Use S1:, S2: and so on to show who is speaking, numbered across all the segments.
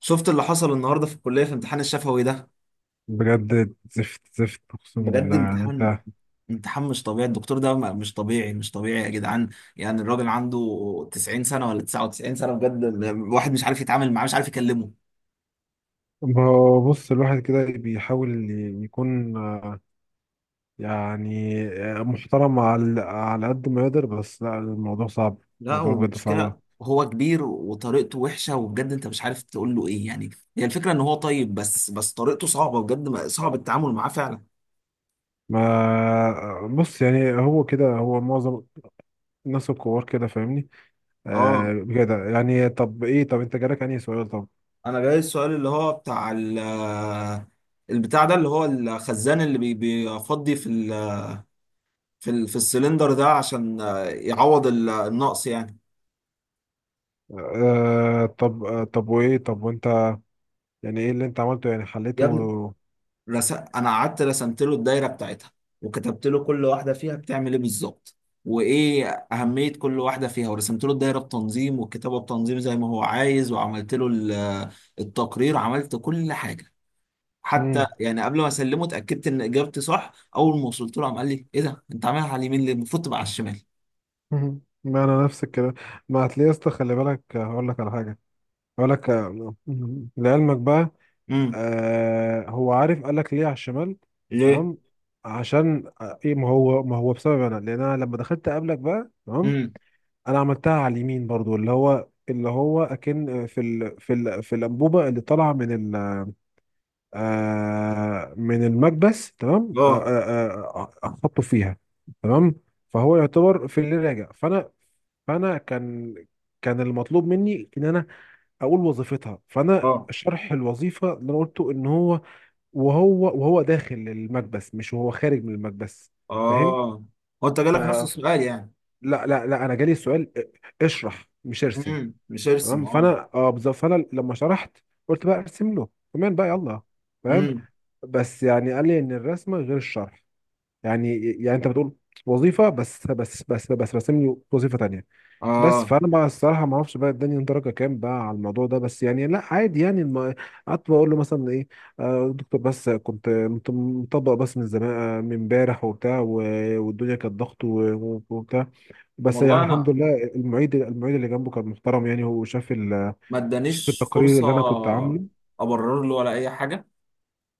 S1: شفت اللي حصل النهارده في الكليه في امتحان الشفوي ده.
S2: بجد زفت زفت اقسم
S1: بجد
S2: بالله، يعني
S1: امتحان
S2: انت.
S1: امتحان مش طبيعي. الدكتور ده مش طبيعي يا جدعان. يعني الراجل عنده 90 سنه ولا 99 سنه بجد. الواحد مش عارف يتعامل معاه، مش عارف يكلمه.
S2: ما هو بص، الواحد كده بيحاول يكون محترم على قد ما يقدر. بس لا، الموضوع صعب.
S1: لا،
S2: الموضوع بجد صعب.
S1: والمشكله هو كبير وطريقته وحشه، وبجد انت مش عارف تقول له ايه يعني. هي الفكره ان هو طيب، بس طريقته صعبه بجد، صعب التعامل معاه فعلا.
S2: ما بص، يعني هو كده، هو معظم الناس الكبار كده، فاهمني؟
S1: اه،
S2: آه بجد. يعني طب ايه، طب انت جالك انهي سؤال؟ طب
S1: انا جاي السؤال اللي هو بتاع البتاع ده، اللي هو الخزان اللي بيفضي في السلندر ده عشان يعوض النقص يعني.
S2: آه، طب آه، طب وايه، طب وانت يعني ايه اللي انت عملته، يعني
S1: يا
S2: حليته؟
S1: ابني، انا قعدت رسمت له الدايره بتاعتها، وكتبت له كل واحده فيها بتعمل ايه بالظبط، وايه اهميه كل واحده فيها، ورسمت له الدايره بتنظيم والكتابه بتنظيم زي ما هو عايز، وعملت له التقرير، عملت كل حاجه. حتى
S2: مم.
S1: يعني قبل ما اسلمه اتاكدت ان اجابتي صح. اول ما وصلت له عم قال لي ايه ده، انت عاملها على اليمين ليه؟ المفروض تبقى على الشمال.
S2: مهم. ما انا نفس الكلام. ما هتلاقي يا اسطى، خلي بالك هقول لك على حاجه، هقول لك مهم. لعلمك بقى،
S1: امم.
S2: آه هو عارف، قال لك ليه على الشمال؟
S1: ليه؟
S2: تمام. عشان ايه، ما هو بسبب انا، لان انا لما دخلت قبلك بقى تمام.
S1: امم.
S2: انا عملتها على اليمين برضو، اللي هو اللي هو اكن في الانبوبه اللي طالعه من ال من المكبس، تمام.
S1: اه.
S2: احطه فيها تمام. فهو يعتبر في اللي راجع. فانا كان كان المطلوب مني ان انا اقول وظيفتها. فانا
S1: اه.
S2: شرح الوظيفه اللي انا قلته ان هو وهو وهو داخل المكبس، مش وهو خارج من المكبس. فاهم؟
S1: اه. هو انت
S2: ف
S1: جالك نفس السؤال يعني؟
S2: لا، انا جالي السؤال اشرح، مش ارسم.
S1: امم، مش ارسم،
S2: تمام،
S1: اه.
S2: فانا اه بالظبط. فانا لما شرحت قلت بقى ارسم له كمان بقى، يلا فاهم.
S1: امم.
S2: بس يعني قال لي ان الرسمه غير الشرح، يعني يعني انت بتقول وظيفه بس راسم لي وظيفه تانية. بس
S1: اه.
S2: فانا بقى الصراحه ما اعرفش بقى اداني درجه كام بقى على الموضوع ده. بس يعني لا، عادي يعني. قعدت بقول له مثلا ايه، دكتور، بس كنت مطبق، بس من زمان من امبارح وبتاع والدنيا كانت ضغط وبتاع. بس يعني
S1: والله
S2: الحمد
S1: انا
S2: لله، المعيد اللي جنبه كان محترم، يعني هو شاف
S1: ما
S2: شاف
S1: ادانيش
S2: التقرير
S1: فرصه
S2: اللي انا كنت عامله.
S1: ابرر له ولا اي حاجه.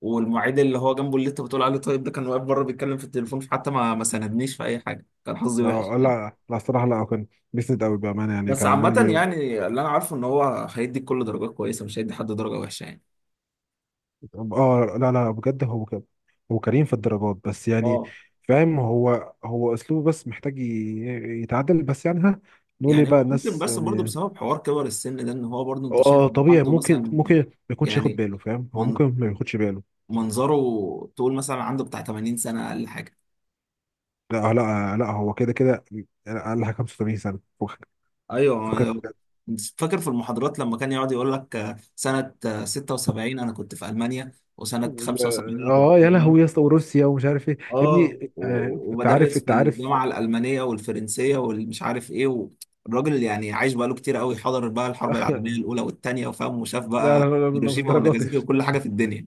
S1: والمعيد اللي هو جنبه اللي انت بتقول عليه، طيب ده كان واقف بره بيتكلم في التليفون، فحتى ما ساندنيش في اي حاجه، كان حظي وحش يعني.
S2: لا لا الصراحه، لا كان بيسند قوي بامانه، يعني
S1: بس
S2: كان عمال.
S1: عامه يعني، اللي انا عارفه ان هو هيدي كل درجات كويسه، مش هيدي حد درجه وحشه يعني.
S2: اه لا لا بجد، هو كده. هو كريم في الدرجات، بس يعني
S1: اه.
S2: فاهم، هو هو اسلوبه بس محتاج يتعدل، بس يعني ها، نقول ايه
S1: يعني
S2: بقى،
S1: هو ممكن
S2: الناس
S1: بس برضه
S2: يعني.
S1: بسبب حوار كبر السن ده، ان هو برضه انت شايف
S2: اه
S1: إن
S2: طبيعي،
S1: عنده
S2: ممكن
S1: مثلا
S2: ممكن ما يكونش ياخد
S1: يعني
S2: باله، فاهم هو
S1: من-
S2: ممكن ما ياخدش باله.
S1: منظره تقول مثلا عنده بتاع 80 سنه اقل حاجه.
S2: لا لا لا، هو كده كده اقل حاجه 85 سنه، فكك فكك
S1: ايوه.
S2: بجد.
S1: فاكر في المحاضرات لما كان يقعد يقول لك سنه 76 انا كنت في المانيا، وسنه 75 انا كنت
S2: اه
S1: في
S2: يا
S1: اليابان.
S2: لهوي يا اسطى، وروسيا ومش عارف ايه يا
S1: اه،
S2: ابني. انت عارف،
S1: وبدرس
S2: انت
S1: في
S2: عارف.
S1: الجامعه الالمانيه والفرنسيه والمش عارف ايه. والراجل يعني عايش بقاله كتير قوي، حضر بقى الحرب العالميه الاولى والثانيه، وفاهم، وشاف
S2: لا لا
S1: بقى
S2: لا لا، مش
S1: هيروشيما
S2: الدرجات دي،
S1: وناجازاكي
S2: مش
S1: وكل حاجه
S2: الدرجات.
S1: في الدنيا.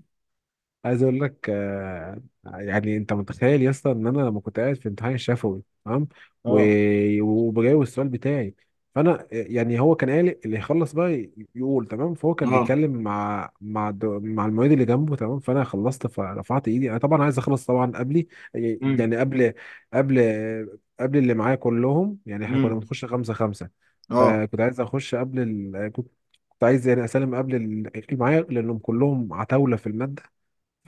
S2: عايز اقول لك يعني انت متخيل يا اسطى ان انا لما كنت قاعد في امتحان الشفوي تمام،
S1: اه.
S2: وبجاوب السؤال بتاعي، فانا يعني هو كان قال اللي يخلص بقى يقول تمام. فهو كان
S1: اه.
S2: بيتكلم مع مع المعيد اللي جنبه تمام. فانا خلصت فرفعت ايدي، انا طبعا عايز اخلص طبعا قبلي، يعني
S1: امم.
S2: يعني قبل قبل قبل اللي معايا كلهم، يعني احنا كنا
S1: امم.
S2: بنخش خمسة خمسة.
S1: اه.
S2: فكنت عايز اخش قبل ال... كنت عايز يعني اسلم قبل اللي معايا، لانهم كلهم عتاولة في المادة.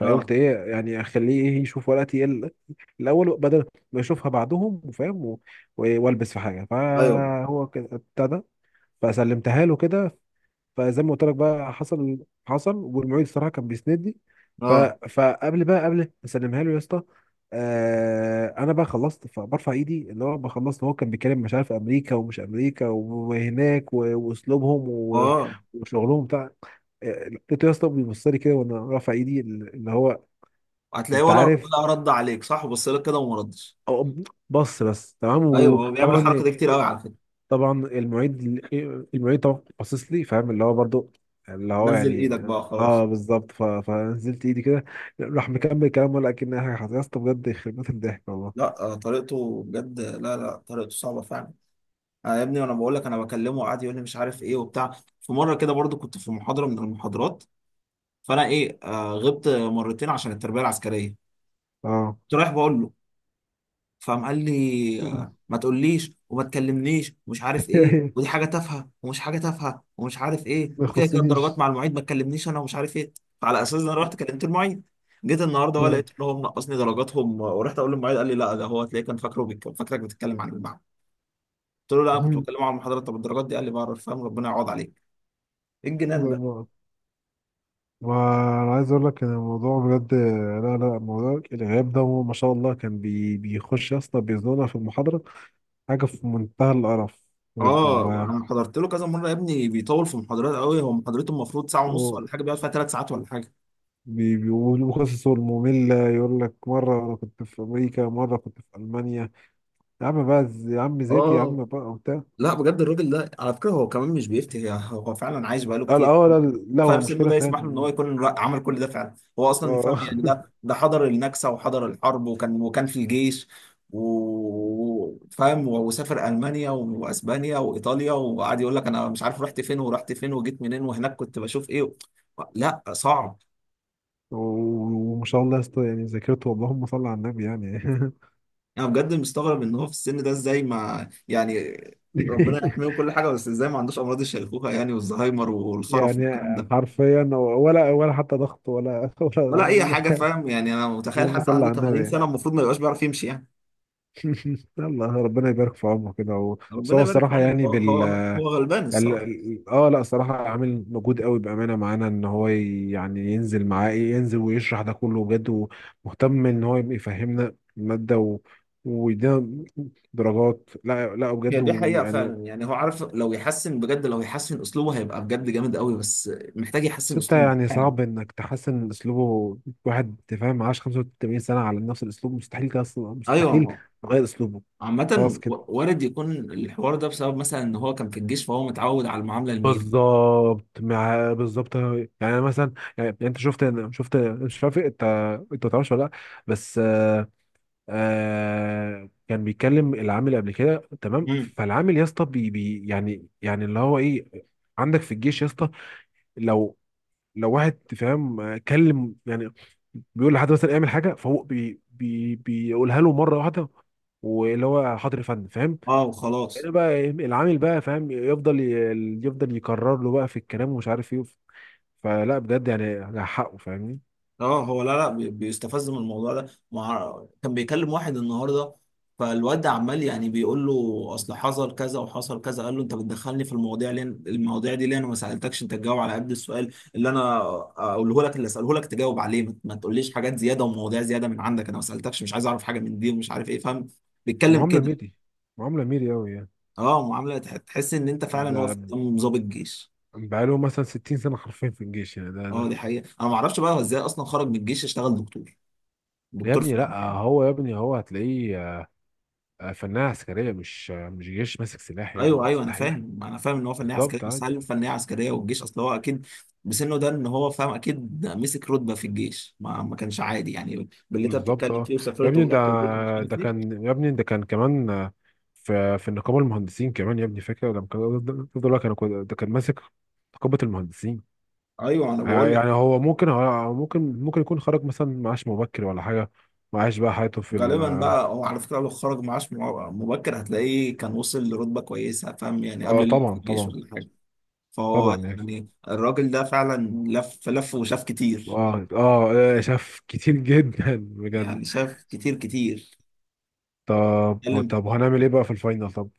S1: اه.
S2: ايه يعني اخليه ايه يشوف ورقتي الاول، بدل ما يشوفها بعدهم وفاهم والبس في حاجه.
S1: ايوه.
S2: فهو كده ابتدى، فسلمتها له كده. فزي ما قلت لك بقى، حصل حصل. والمعيد الصراحه كان بيسندني. ف
S1: اه.
S2: فقبل بقى، قبل ما اسلمها له يا اسطى، آه انا بقى خلصت فبرفع ايدي اللي هو بقى خلصت. هو كان بيتكلم مش عارف، امريكا ومش امريكا وهناك واسلوبهم
S1: اه،
S2: وشغلهم بتاع. لقيته يا اسطى بيبص لي كده وانا رافع ايدي اللي هو،
S1: هتلاقيه
S2: انت
S1: ولا
S2: عارف.
S1: رد عليك؟ صح، بص لك كده وما ردش.
S2: أو- بص بس تمام.
S1: ايوه، هو بيعمل الحركه
S2: وطبعا
S1: دي كتير قوي على فكره.
S2: طبعا المعيد طبعا باصص لي فاهم، اللي هو برضو اللي هو
S1: نزل ايدك
S2: يعني.
S1: بقى
S2: اه
S1: خلاص.
S2: بالظبط، فنزلت ايدي كده، راح مكمل كلام ولا اكن حاجه حصلت يا اسطى بجد، يخرب بيت الضحك والله.
S1: لا، طريقته بجد، لا لا، طريقته صعبه فعلا. انا يا ابني وانا بقول لك، انا بكلمه قاعد يقول لي مش عارف ايه وبتاع. في مره كده برضو كنت في محاضره من المحاضرات، فانا ايه غبت مرتين عشان التربيه العسكريه،
S2: اه
S1: كنت رايح بقول له، فقام قال لي ما تقوليش وما تكلمنيش ومش عارف ايه، ودي حاجه تافهه ومش حاجه تافهه ومش عارف ايه،
S2: ما
S1: وكده كده الدرجات
S2: يخصنيش.
S1: مع المعيد، ما تكلمنيش انا ومش عارف ايه. فعلى اساس ده انا رحت كلمت المعيد. جيت النهارده بقى
S2: آه.
S1: لقيت ان هو منقصني درجاتهم، ورحت اقول للمعيد قال لي لا، ده هو هتلاقيه كان فاكرك بتتكلم عن المعهد. قلت له لا، انا كنت
S2: ما
S1: بتكلم عن المحاضرات. طب الدرجات دي؟ قال لي بعرف، فاهم، ربنا يعوض عليك. ايه الجنان ده!
S2: ما- انا عايز اقول لك ان الموضوع بجد، لا لا موضوع الغياب ده هو ما شاء الله، كان بي بيخش يا اسطى بيزنقنا في المحاضره، حاجة في منتهى القرف بجد
S1: اه،
S2: والله.
S1: انا حضرت له كذا مره يا ابني، بيطول في المحاضرات قوي. هو محاضرته المفروض ساعه ونص
S2: و-
S1: ولا حاجه، بيقعد فيها ثلاث ساعات ولا حاجه.
S2: بيقولوا قصصه المملة، يقول لك مرة أنا كنت في أمريكا، مرة كنت في ألمانيا. يا عم بقى يا عم زيتي يا
S1: اه،
S2: عم بقى، وبتاع.
S1: لا بجد الراجل ده على فكره هو كمان مش بيفتي، هو فعلا عايش بقاله
S2: قال
S1: كتير،
S2: اه لا، لا هو
S1: فسنه
S2: المشكلة
S1: ده
S2: فين.
S1: يسمح له ان هو يكون عمل كل ده، فعلا هو اصلا
S2: اه
S1: يفهم يعني. ده حضر النكسه وحضر الحرب، وكان في الجيش، وفاهم، وسافر المانيا واسبانيا وايطاليا، وقعد يقول لك انا مش عارف رحت فين ورحت فين وجيت منين، وهناك كنت بشوف ايه. لا، صعب.
S2: و- وما شاء الله يا اسطى، يعني ذاكرته، اللهم صل على النبي يعني.
S1: انا بجد مستغرب ان هو في السن ده ازاي، ما يعني، ربنا يحميه كل حاجه، بس ازاي ما عندوش امراض الشيخوخه يعني، والزهايمر والخرف
S2: يعني
S1: والكلام ده؟
S2: حرفيا، ولا حتى ضغط، ولا ولا
S1: ولا
S2: ولا
S1: اي
S2: أي
S1: حاجه،
S2: حاجة.
S1: فاهم يعني. انا متخيل
S2: اللهم
S1: حد
S2: صل
S1: عنده
S2: على النبي
S1: 80
S2: يعني.
S1: سنه المفروض ما يبقاش بيعرف يمشي يعني.
S2: يلا ربنا يبارك في عمره كده بس
S1: ربنا
S2: هو
S1: يبارك في
S2: الصراحة
S1: عمره.
S2: يعني
S1: هو
S2: بال،
S1: هو غلبان الصراحه.
S2: اه لا صراحة عامل مجهود قوي بأمانة معانا، ان هو يعني ينزل معاه ايه، ينزل ويشرح ده كله بجد. ومهتم ان هو يفهمنا المادة و... ويدينا درجات. لا لا
S1: هي
S2: بجد،
S1: دي حقيقه
S2: ويعني
S1: فعلا يعني، هو عارف لو يحسن بجد، لو يحسن اسلوبه هيبقى بجد جامد قوي، بس محتاج
S2: بس
S1: يحسن
S2: انت
S1: اسلوبه
S2: يعني
S1: فعلا.
S2: صعب انك تحسن من اسلوبه. واحد فاهم معاش 85 سنة على نفس الاسلوب، مستحيل كده، اصلا مستحيل
S1: ايوه،
S2: تغير اسلوبه. خلاص
S1: عامه،
S2: كده.
S1: وارد يكون الحوار ده بسبب مثلا ان هو كان في الجيش، فهو متعود على المعامله الميري.
S2: بالظبط، مع بالظبط يعني. أنا مثلا يعني انت شفت شفت، مش عارف انت، انت ما تعرفش ولا لا. بس آه كان بيكلم العامل قبل كده تمام.
S1: امم.
S2: فالعامل يا اسطى بي يعني يعني اللي هو ايه، عندك في الجيش يا اسطى، لو لو واحد فاهم كلم يعني، بيقول لحد مثلا اعمل حاجه. فهو بي بيقولها له مره واحده، واللي هو حاضر يا فندم، فاهم.
S1: اه، وخلاص.
S2: هنا بقى إيه، العامل بقى فاهم يفضل يفضل يكرر له بقى في الكلام ومش عارف ايه، فلا بجد يعني على حقه، فاهمني.
S1: اه، هو لا لا بيستفز من الموضوع ده. كان بيكلم واحد النهارده، فالواد عمال يعني بيقول له اصل حصل كذا وحصل كذا، قال له انت بتدخلني في المواضيع ليه؟ المواضيع دي ليه؟ انا ما سالتكش، انت تجاوب على قد السؤال اللي انا اقوله لك، اللي اساله لك تجاوب عليه، ما تقوليش حاجات زياده ومواضيع زياده من عندك. انا ما سالتكش، مش عايز اعرف حاجه من دي، ومش عارف ايه، فاهم؟ بيتكلم
S2: معامله
S1: كده.
S2: ميري، معامله ميري قوي يعني.
S1: اه، معامله تحس ان انت فعلا واقف
S2: ده
S1: قدام ضابط جيش.
S2: بقاله مثلا 60 سنة حرفيا في الجيش، يعني ده
S1: اه،
S2: ده.
S1: دي حقيقه. انا ما اعرفش بقى هو ازاي اصلا خرج من الجيش اشتغل دكتور،
S2: يا
S1: دكتور
S2: ابني
S1: في الجامعه.
S2: لا هو، يا ابني هو هتلاقيه فنانة عسكرية، مش مش جيش ماسك سلاح يا ابني،
S1: ايوه ايوه، انا
S2: مستحيل.
S1: فاهم، انا فاهم ان هو فنيه
S2: بالظبط،
S1: عسكريه، بس
S2: عادي
S1: هل فنيه عسكريه والجيش؟ اصل هو اكيد بسنه ده ان هو فاهم اكيد مسك رتبه في الجيش، ما كانش عادي يعني باللي انت
S2: بالظبط.
S1: بتتكلم
S2: اه
S1: فيه،
S2: يا
S1: وسافرت
S2: ابني، ده
S1: ورحت وجيت ومش عارف
S2: ده
S1: ايه.
S2: كان يا ابني، ده كان كمان في في نقابة المهندسين كمان يا ابني، فاكر لما كان ده كان ده كان ماسك نقابة المهندسين.
S1: ايوه، انا بقول لك،
S2: يعني هو ممكن هو ممكن ممكن يكون خرج مثلا معاش مبكر ولا حاجة، معاش بقى حياته في ال.
S1: غالبا بقى هو على فكره لو خرج معاش مبكر، هتلاقيه كان وصل لرتبه كويسه، فاهم يعني، قبل
S2: اه
S1: اللي في
S2: طبعا
S1: الجيش
S2: طبعا
S1: ولا حاجه. فهو
S2: طبعا يعني،
S1: يعني الراجل ده فعلا لف وشاف كتير
S2: اه اه شاف كتير جدا بجد.
S1: يعني، شاف كتير كتير.
S2: طب
S1: اتكلم.
S2: طب هنعمل ايه بقى في الفاينل، طب.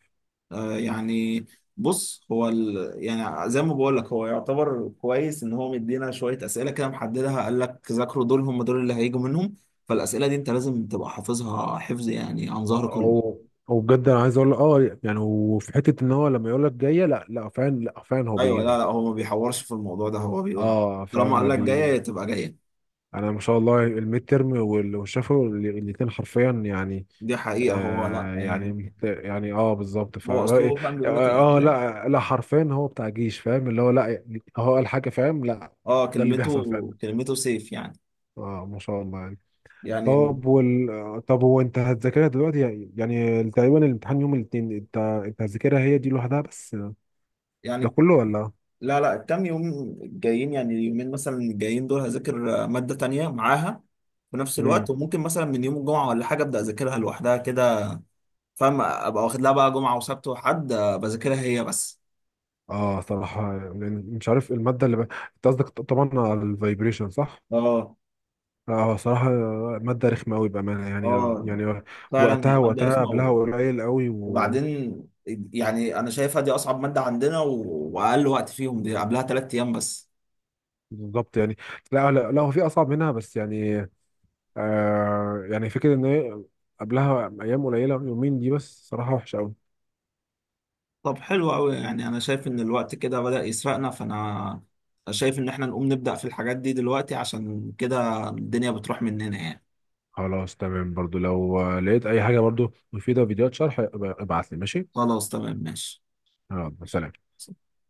S1: يعني بص هو يعني زي ما بقول لك هو يعتبر كويس ان هو مدينا شويه اسئله كده محددها، قال لك ذاكروا دول، هم دول اللي هيجوا منهم. فالاسئله دي انت لازم تبقى حافظها حفظ يعني، عن ظهر قلب.
S2: او او بجد انا عايز اقول اه يعني، وفي حته ان هو لما يقول لك جايه، لا لا فعلا لا فعلا هو
S1: ايوه، لا
S2: بيجيبهم.
S1: لا هو ما بيحورش في الموضوع ده، هو بيقول
S2: اه فاهم،
S1: طالما
S2: ما
S1: قال لك
S2: بي.
S1: جايه تبقى جايه.
S2: انا ما شاء الله، الميد ترم والشفوي الاثنين حرفيا يعني.
S1: دي حقيقه. هو لا
S2: آه
S1: يعني،
S2: يعني يعني اه بالظبط
S1: هو
S2: فرأي.
S1: اسلوبه فاهم بيقول لك
S2: اه
S1: الاسئله دي.
S2: لا لا حرفيا هو بتاع جيش فاهم اللي هو لا، هو قال حاجه فاهم لا،
S1: اه،
S2: ده اللي
S1: كلمته،
S2: بيحصل فعلا.
S1: كلمته سيف يعني.
S2: اه ما شاء الله يعني.
S1: يعني.
S2: طب وال... طب هو انت هتذاكرها دلوقتي يعني، يعني تقريبا الامتحان يوم الاثنين، انت انت هتذاكرها هي دي لوحدها بس ده
S1: يعني،
S2: كله ولا؟
S1: لا لا، الكام يوم الجايين يعني، اليومين مثلا الجايين دول هذاكر مادة تانية معاها في نفس الوقت،
S2: امم.
S1: وممكن مثلا من يوم الجمعة ولا حاجة أبدأ أذاكرها لوحدها كده، فاهم، أبقى واخد لها بقى جمعة وسبت وحد، بذاكرها هي بس.
S2: اه صراحة لأن مش عارف المادة اللي ب... انت قصدك طبعا على الفايبريشن، صح؟
S1: اه.
S2: اه صراحة مادة رخمة قوي بأمانة يعني،
S1: اه.
S2: يعني
S1: فعلا هي
S2: وقتها
S1: مادة
S2: وقتها
S1: رخمة،
S2: قبلها قليل قوي و...
S1: وبعدين يعني أنا شايفها دي أصعب مادة عندنا، وأقل وقت فيهم دي، قبلها تلات أيام بس.
S2: بالظبط يعني. لا لا لا هو في أصعب منها، بس يعني يعني فكرة إن هي قبلها أيام قليلة، يومين دي بس صراحة وحشة.
S1: طب حلو قوي. يعني انا شايف ان الوقت كده بدأ يسرقنا، فانا شايف ان احنا نقوم نبدأ في الحاجات دي دلوقتي، عشان كده الدنيا بتروح مننا يعني.
S2: خلاص تمام، برضو لو لقيت اي حاجه برضو مفيده، فيديوهات شرح، ابعت لي ماشي.
S1: خلاص تمام ماشي.
S2: يلا سلام.